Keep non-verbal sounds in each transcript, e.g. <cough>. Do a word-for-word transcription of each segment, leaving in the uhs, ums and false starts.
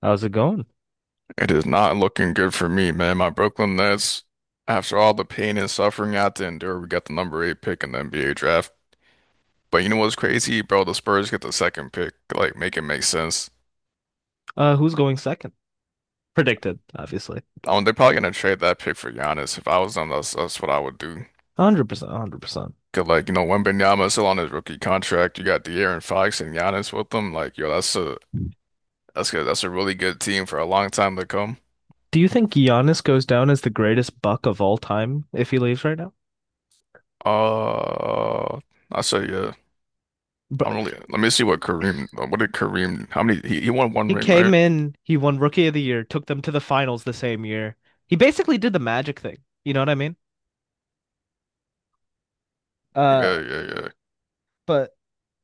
How's it going? It is not looking good for me, man. My Brooklyn Nets, after all the pain and suffering I had to endure, we got the number eight pick in the N B A draft. But you know what's crazy, bro? The Spurs get the second pick. Like, make it make sense. Uh, who's going second? Predicted, obviously. Um, they're probably gonna trade that pick for Giannis. If I was them, that's that's what I would do. one hundred percent, one hundred percent. 'Cause like, you know, Wembanyama is still on his rookie contract. You got De'Aaron Fox and Giannis with them. Like, yo, that's a that's good. That's a really good team for a long time to come. Do you think Giannis goes down as the greatest buck of all time if he leaves right now? Uh, I say yeah. I'm But really, let me see what Kareem, what did Kareem, how many, he, he won one he ring, right? came in, he won Rookie of the Year, took them to the finals the same year. He basically did the Magic thing. You know what I mean? Uh, Yeah, yeah, yeah. but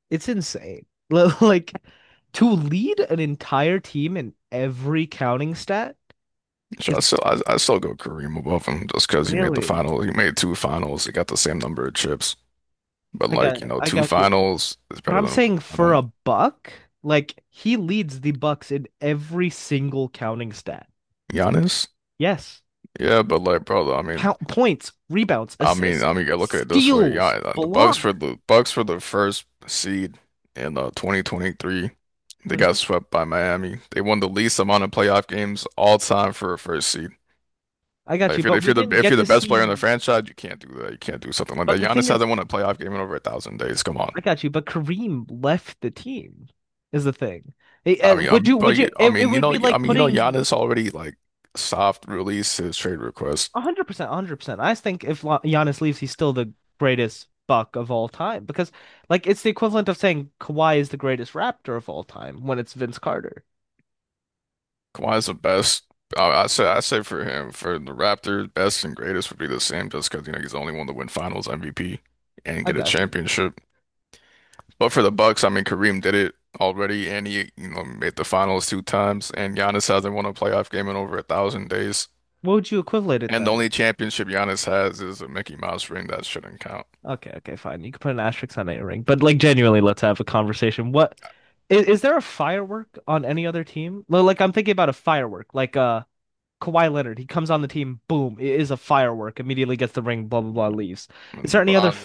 it's insane. <laughs> Like to lead an entire team in every counting stat So is I still, I, I still go Kareem above him just because he made the really. final. He made two finals. He got the same number of chips. But I got, like, you know, I two got you. finals is But better I'm than one saying for final. a buck, like he leads the Bucks in every single counting stat. Giannis? Yes. Yeah, but like, brother, I mean, Count points, rebounds, I mean, I assist, mean, you gotta look at it this way. Yeah, steals, uh, the Bucks block. for the Bucks for the first seed in uh, twenty twenty-three. They got Hmm. swept by Miami. They won the least amount of playoff games all time for a first seed. I got Like you, if you're but if we you're the didn't if get you're the to best player in the see. franchise, you can't do that. You can't do something like But that. the thing Giannis is, hasn't won a playoff game in over a thousand days. Come on. I got you, but Kareem left the team is the thing. Eh, I eh, mean, I would you mean, would but you- you I it, it mean, you would know, be I like mean, you know, putting Giannis already like soft released his trade request. one hundred percent, one hundred percent. I think if La- Giannis leaves, he's still the greatest Buck of all time because, like, it's the equivalent of saying Kawhi is the greatest Raptor of all time when it's Vince Carter. Kawhi's the best. I, I say, I say for him, for the Raptors, best and greatest would be the same, just because you know he's the only one to win Finals M V P and I get a got you. championship. But for the Bucks, I mean, Kareem did it already, and he you know made the Finals two times, and Giannis hasn't won a playoff game in over a thousand days. What would you equivalent it And the then? only championship Giannis has is a Mickey Mouse ring that shouldn't count. Okay, okay, fine. You can put an asterisk on a ring, but like, genuinely, let's have a conversation. What is, is there a firework on any other team? Well, like, I'm thinking about a firework, like uh Kawhi Leonard. He comes on the team, boom, it is a firework. Immediately gets the ring, blah blah blah, leaves. And Is there any other LeBron,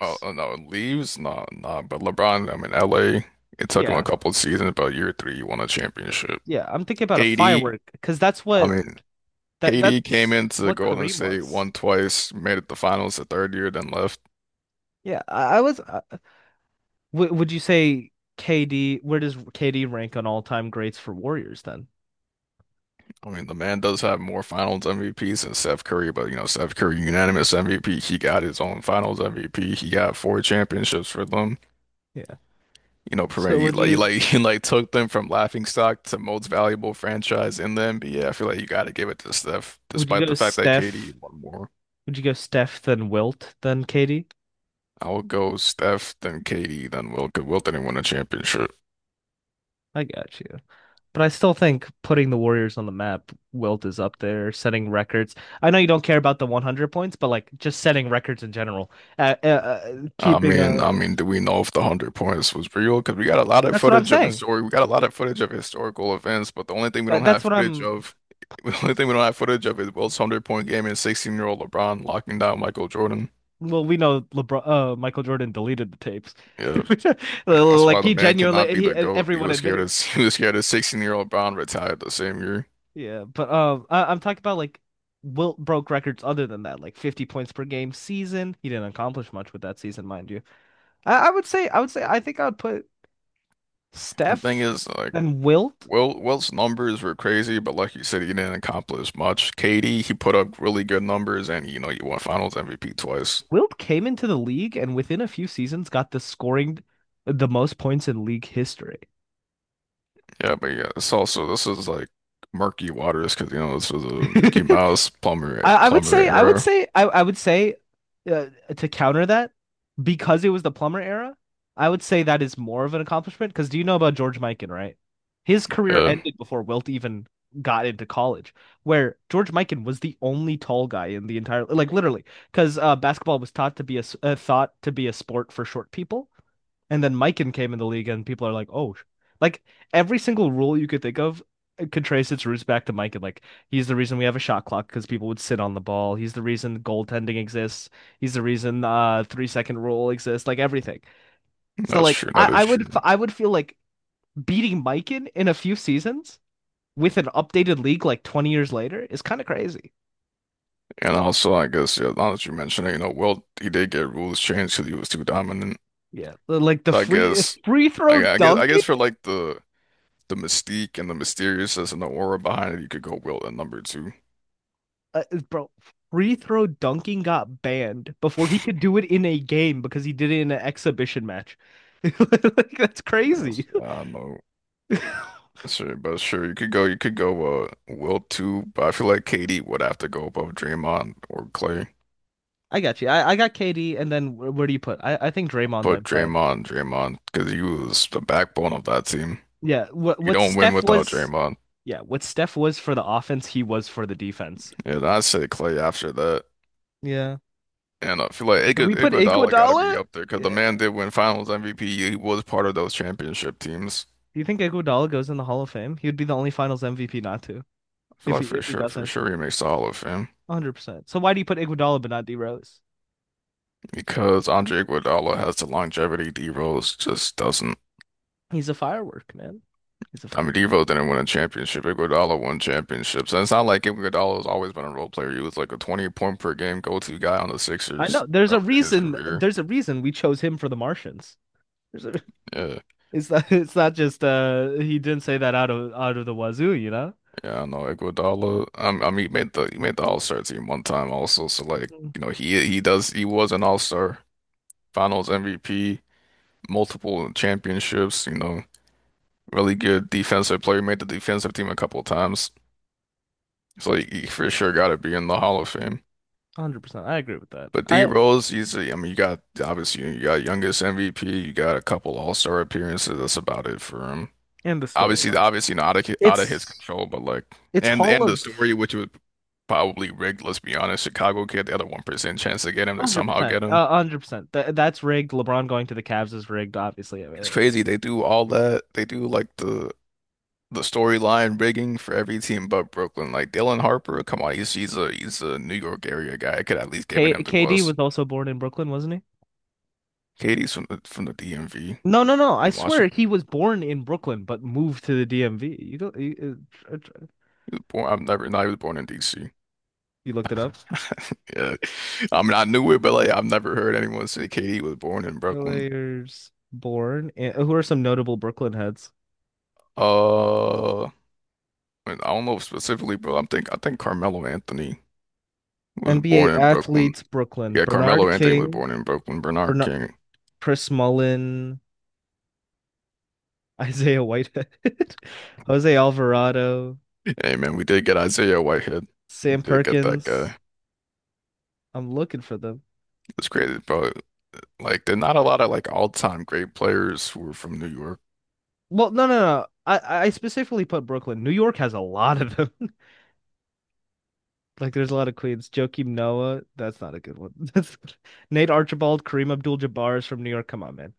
oh oh, no, leaves, nah, nah. But LeBron, I'm in L A. It took him a Yeah. couple of seasons, but year three, he won a championship. Yeah, I'm thinking about a KD, firework because that's I what mean, that K D came that's into what Golden Kareem State, was. won twice, made it the finals the third year, then left. Yeah, I, I was. Uh, w would you say K D? Where does K D rank on all-time greats for Warriors then? I mean, the man does have more Finals M V Ps than Steph Curry, but you know, Steph Curry unanimous M V P. He got his own Finals M V P. He got four championships for them. Yeah. You know, So Perret, you would like you you like <laughs> you like took them from laughing stock to most valuable franchise in the N B A. I feel like you got to give it to Steph, would you despite go the fact that K D Steph? won more. Would you go Steph then Wilt then K D? I would go Steph, then K D, then Wilt. Because Wilt didn't win a championship. I got you. But I still think putting the Warriors on the map, Wilt is up there setting records. I know you don't care about the one hundred points, but like just setting records in general, uh, uh, uh, I keeping mean, I a. mean, do we know if the hundred points was real? Because we got a lot of That's what I'm footage of saying. historic, we got a lot of footage of historical events, but the only thing we don't That- That's have what footage I'm. of, <laughs> the only thing we don't have footage of is Wilt's hundred point game and sixteen year old LeBron locking down Michael Jordan. Well, we know LeBron, uh, Michael Jordan deleted the tapes. Yeah. <laughs> Like, that's why Like the he man cannot genuinely, be he e, the GOAT. He everyone was scared admitted. as <laughs> he was scared as sixteen-year-old Brown retired the same year. Yeah, but um, I, I'm talking about like Wilt broke records other than that, like fifty points per game season. He didn't accomplish much with that season, mind you. I, I would say, I would say, I think I would put And thing Steph is, like and Wilt. Will Wilt's numbers were crazy, but like you said, he didn't accomplish much. K D, he put up really good numbers, and you know he won Finals M V P twice. Wilt came into the league and within a few seasons got the scoring, the most points in league history. Yeah, but yeah, it's also this is like murky waters because you know this was <laughs> a Mickey I, Mouse plumber I would plumber say I would era. say I, I would say uh, to counter that because it was the plumber era, I would say that is more of an accomplishment because do you know about George Mikan, right? His career Yeah, ended before Wilt even got into college, where George Mikan was the only tall guy in the entire like literally because uh, basketball was taught to be a uh, thought to be a sport for short people. And then Mikan came in the league, and people are like, oh, like every single rule you could think of could trace its roots back to Mikan. Like he's the reason we have a shot clock because people would sit on the ball. He's the reason goaltending exists. He's the reason uh three second rule exists. Like everything. So that's like true. I, That is I would true. I would feel like beating Mikan in a few seasons with an updated league like twenty years later is kind of crazy. And also, I guess, yeah, now that you mentioned it, you know, Wilt he did get rules changed because he was too dominant. Yeah, like the So I free guess, free throw I, I guess, I guess dunking. for like the the mystique and the mysteriousness and the aura behind it, you could go Wilt at number two. uh, Bro, free throw dunking got banned before he could do it in a game because he did it in an exhibition match. <laughs> Like, that's That's, crazy. I don't know, <laughs> sure, but sure, you could go, you could go uh Wilt two, but I feel like K D would have to go above Draymond or Clay. I got you. I, I got K D, and then where, where, do you put? I, I think Draymond But then play. Draymond, Draymond, because he was the backbone of that team. Yeah, what You what don't win Steph without was. Draymond. Yeah, what Steph was for the offense, he was for the defense. Yeah, and I'd say Clay after that. Yeah. And I feel like Do Iguod- we put Iguodala got to be Iguodala? up there because the Yeah. man did win Finals M V P. He was part of those championship teams. Do you think Iguodala goes in the Hall of Fame? He would be the only Finals M V P not to I feel if he like for if he sure, for doesn't. sure, he makes the Hall of Fame one hundred percent. So why do you put Iguodala but not D Rose? because Andre Iguodala has the longevity. D Rose just doesn't. He's a firework, man. He's a I mean, D firework. Rose didn't win a championship. Iguodala won championships, and it's not like Iguodala has always been a role player. He was like a twenty point per game go-to guy on the I Sixers know. There's a earlier in his reason. career. There's a reason we chose him for The Martians. There's a, Yeah, <laughs> it's not. It's not just. Uh, he didn't say that out of out of the wazoo. You know. yeah, I know Iguodala. Um, I mean, he made the he made the All-Star team one time also. So like, one you know, he he does he was an All-Star, Finals M V P, multiple championships. You know, really good defensive player, made the defensive team a couple of times. So he, he for sure got to be in the Hall of Fame. Hundred percent. I agree with that. But D I Rose, he's a, I mean, you got obviously you got youngest M V P, you got a couple All-Star appearances. That's about it for him. and the Obviously, storyline. obviously not out of, out of his It's control, but like, it's and Hall and the of story, which was probably rigged. Let's be honest, Chicago kid, the other one percent chance to get him, they one hundred somehow percent. get him. One hundred percent. That that's rigged. LeBron going to the Cavs is rigged. Obviously. It's Uh, crazy. They do all that. They do like the the storyline rigging for every team but Brooklyn. Like Dylan Harper, come on, he's he's a he's a New York area guy. I could at least give K him to KD us. was also born in Brooklyn, wasn't he? Katie's from the from the D M V No, no, no. I in swear Washington. he was born in Brooklyn but moved to the D M V. You go. You, He was born. I've never. No, he was born in D C. you looked <laughs> it up. Yeah, I mean I knew it, but like I've never heard anyone say Katie was born in Brooklyn. Players born and who are some notable Brooklyn heads? Uh, I don't know specifically, but I'm think I think Carmelo Anthony was N B A born in Brooklyn. athletes, Brooklyn. Yeah, Carmelo Bernard Anthony was King, born in Brooklyn. Bernard Bernard, King. Chris Mullin, Isaiah Whitehead, <laughs> Jose Alvarado, Hey man, we did get Isaiah Whitehead. We Sam did get that guy. Perkins. I'm looking for them. It's crazy, but like, there're not a lot of like all-time great players who are from New York. Well, no, no, no. I, I specifically put Brooklyn. New York has a lot of them. <laughs> Like, there's a lot of Queens. Joakim Noah. That's not a good one. <laughs> That's Nate Archibald, Kareem Abdul-Jabbar is from New York. Come on, man.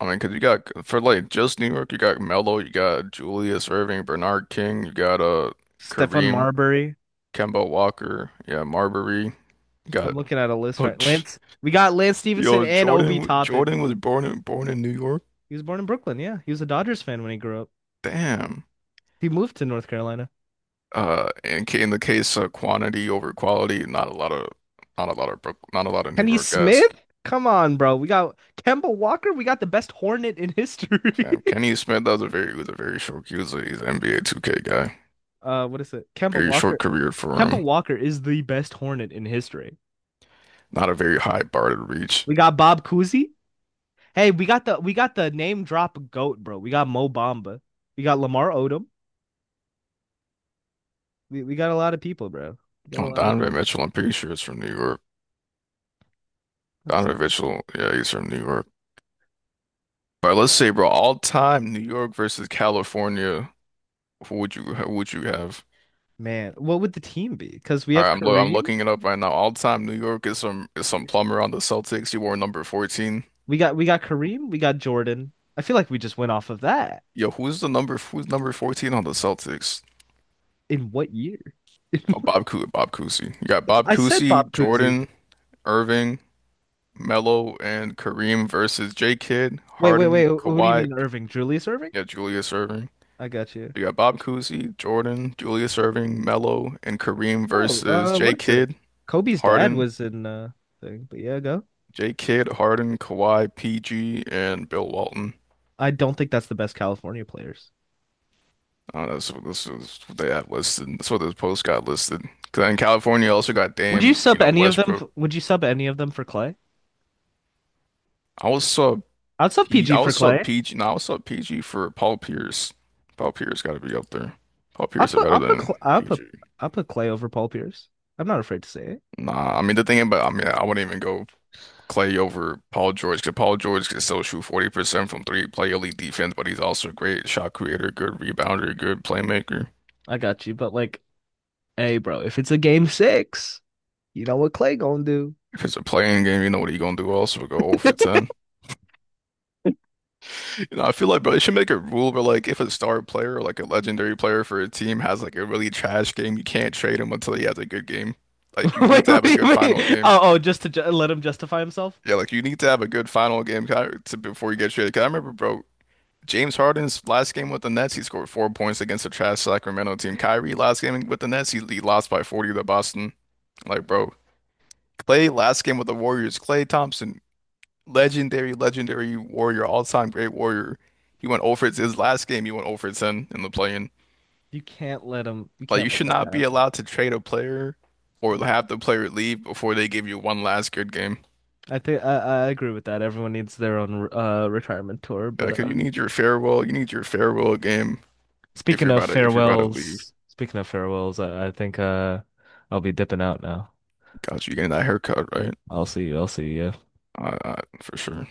I mean, because you got for like just New York, you got Melo, you got Julius Irving, Bernard King, you got uh Stephon Kareem, Marbury. Kemba Walker, yeah, Marbury, you I'm got looking at a list oh, right. tch, Lance, we got Lance <laughs> Stevenson yo and Obi Jordan. Toppin. Jordan was born in born in New York. He was born in Brooklyn. Yeah, he was a Dodgers fan when he grew up. Damn. He moved to North Carolina. Uh, and in ca- in the case of quantity over quality, not a lot of not a lot of Brook- not a lot of New Kenny York guys. Smith? Come on, bro. We got Kemba Walker. We got the best Hornet in history. Fam, Kenny Smith, that was a very was a very short. He was a, he's an N B A two K guy. <laughs> Uh, what is it? Kemba Very Walker. short career for Kemba him. Walker is the best Hornet in history. Not a very high bar to reach. We got Bob Cousy. Hey, we got the we got the name drop goat, bro. We got Mo Bamba. We got Lamar Odom. We we got a lot of people, bro. We got a Oh, lot of Donovan people. Mitchell, I'm pretty sure it's from New York. That's, Donovan Mitchell, yeah, he's from New York. But let's say, bro, all time New York versus California. Who would you who would you have? man, what would the team be? Because we All have right, I'm lo I'm Kareem. looking it up right now. All time New York is some is some plumber on the Celtics. He wore number fourteen. We got we got Kareem, we got Jordan. I feel like we just went off of that. Yo, who's the number who's number fourteen on the Celtics? In what year? <laughs> That's, Oh, Bob Cousy, Bob Cousy. You got Bob I said Cousy, Bob Cousy. Jordan, Irving. Melo and Kareem versus J. Kidd, Wait, wait, wait. Harden, Who do you Kawhi, mean P- Irving? Julius Irving? yeah, Julius Irving. I got you. You got Bob Cousy, Jordan, Julius Irving, Melo, and Kareem Oh, versus uh, J. what is it? Kidd, Kobe's dad Harden, was in uh thing, but yeah, go. J. Kidd, Harden, Kawhi, P G, and Bill Walton. I don't think that's the best California players. Uh, that's what this is what they have listed. That's what this post got listed. Because in California, you also got Would you Dame, you sub know, any of them? f- Westbrook. Would you sub any of them for Clay? I was I'd sub saw P G P. for I was Clay. saw PG. No, I was saw P G for Paul Pierce. Paul Pierce got to be up there. Paul I Pierce is put I better put than Cl- I P G. put I put Clay over Paul Pierce. I'm not afraid to say it. Nah, I mean the thing about I mean I wouldn't even go Clay over Paul George because Paul George can still shoot forty percent from three, play elite defense, but he's also a great shot creator, good rebounder, good playmaker. I got you, but like, hey, bro, if it's a game six. You know what Clay gonna do? If it's a playing game, you know what he gonna do, also go over <laughs> ten. You know, I feel like bro, they should make a rule where like if a star player or like a legendary player for a team has like a really trash game, you can't trade him until he has a good game. Like you need Wait, to what have do a you good final mean? game. Oh, oh, just to ju- let him justify himself? Yeah, like you need to have a good final game ki- to, before you get traded. 'Cause I remember, bro, James Harden's last game with the Nets, he scored four points against the trash Sacramento team. Kyrie last game with the Nets, he, he lost by forty to Boston. Like, bro, Clay last game with the Warriors, Clay Thompson, legendary, legendary warrior, all-time great warrior. He went over his last game, he went over ten in the play-in. You can't let him. You Like, you can't let should that not be happen. allowed to trade a player or have the player leave before they give you one last good game. I think I, I agree with that. Everyone needs their own uh retirement tour. But Because uh, you need your farewell, you need your farewell game if speaking you're of about to if you're about to leave. farewells, speaking of farewells, I, I think uh I'll be dipping out now. Got you getting that haircut, right? I'll see you. I'll see you. I, I, for sure.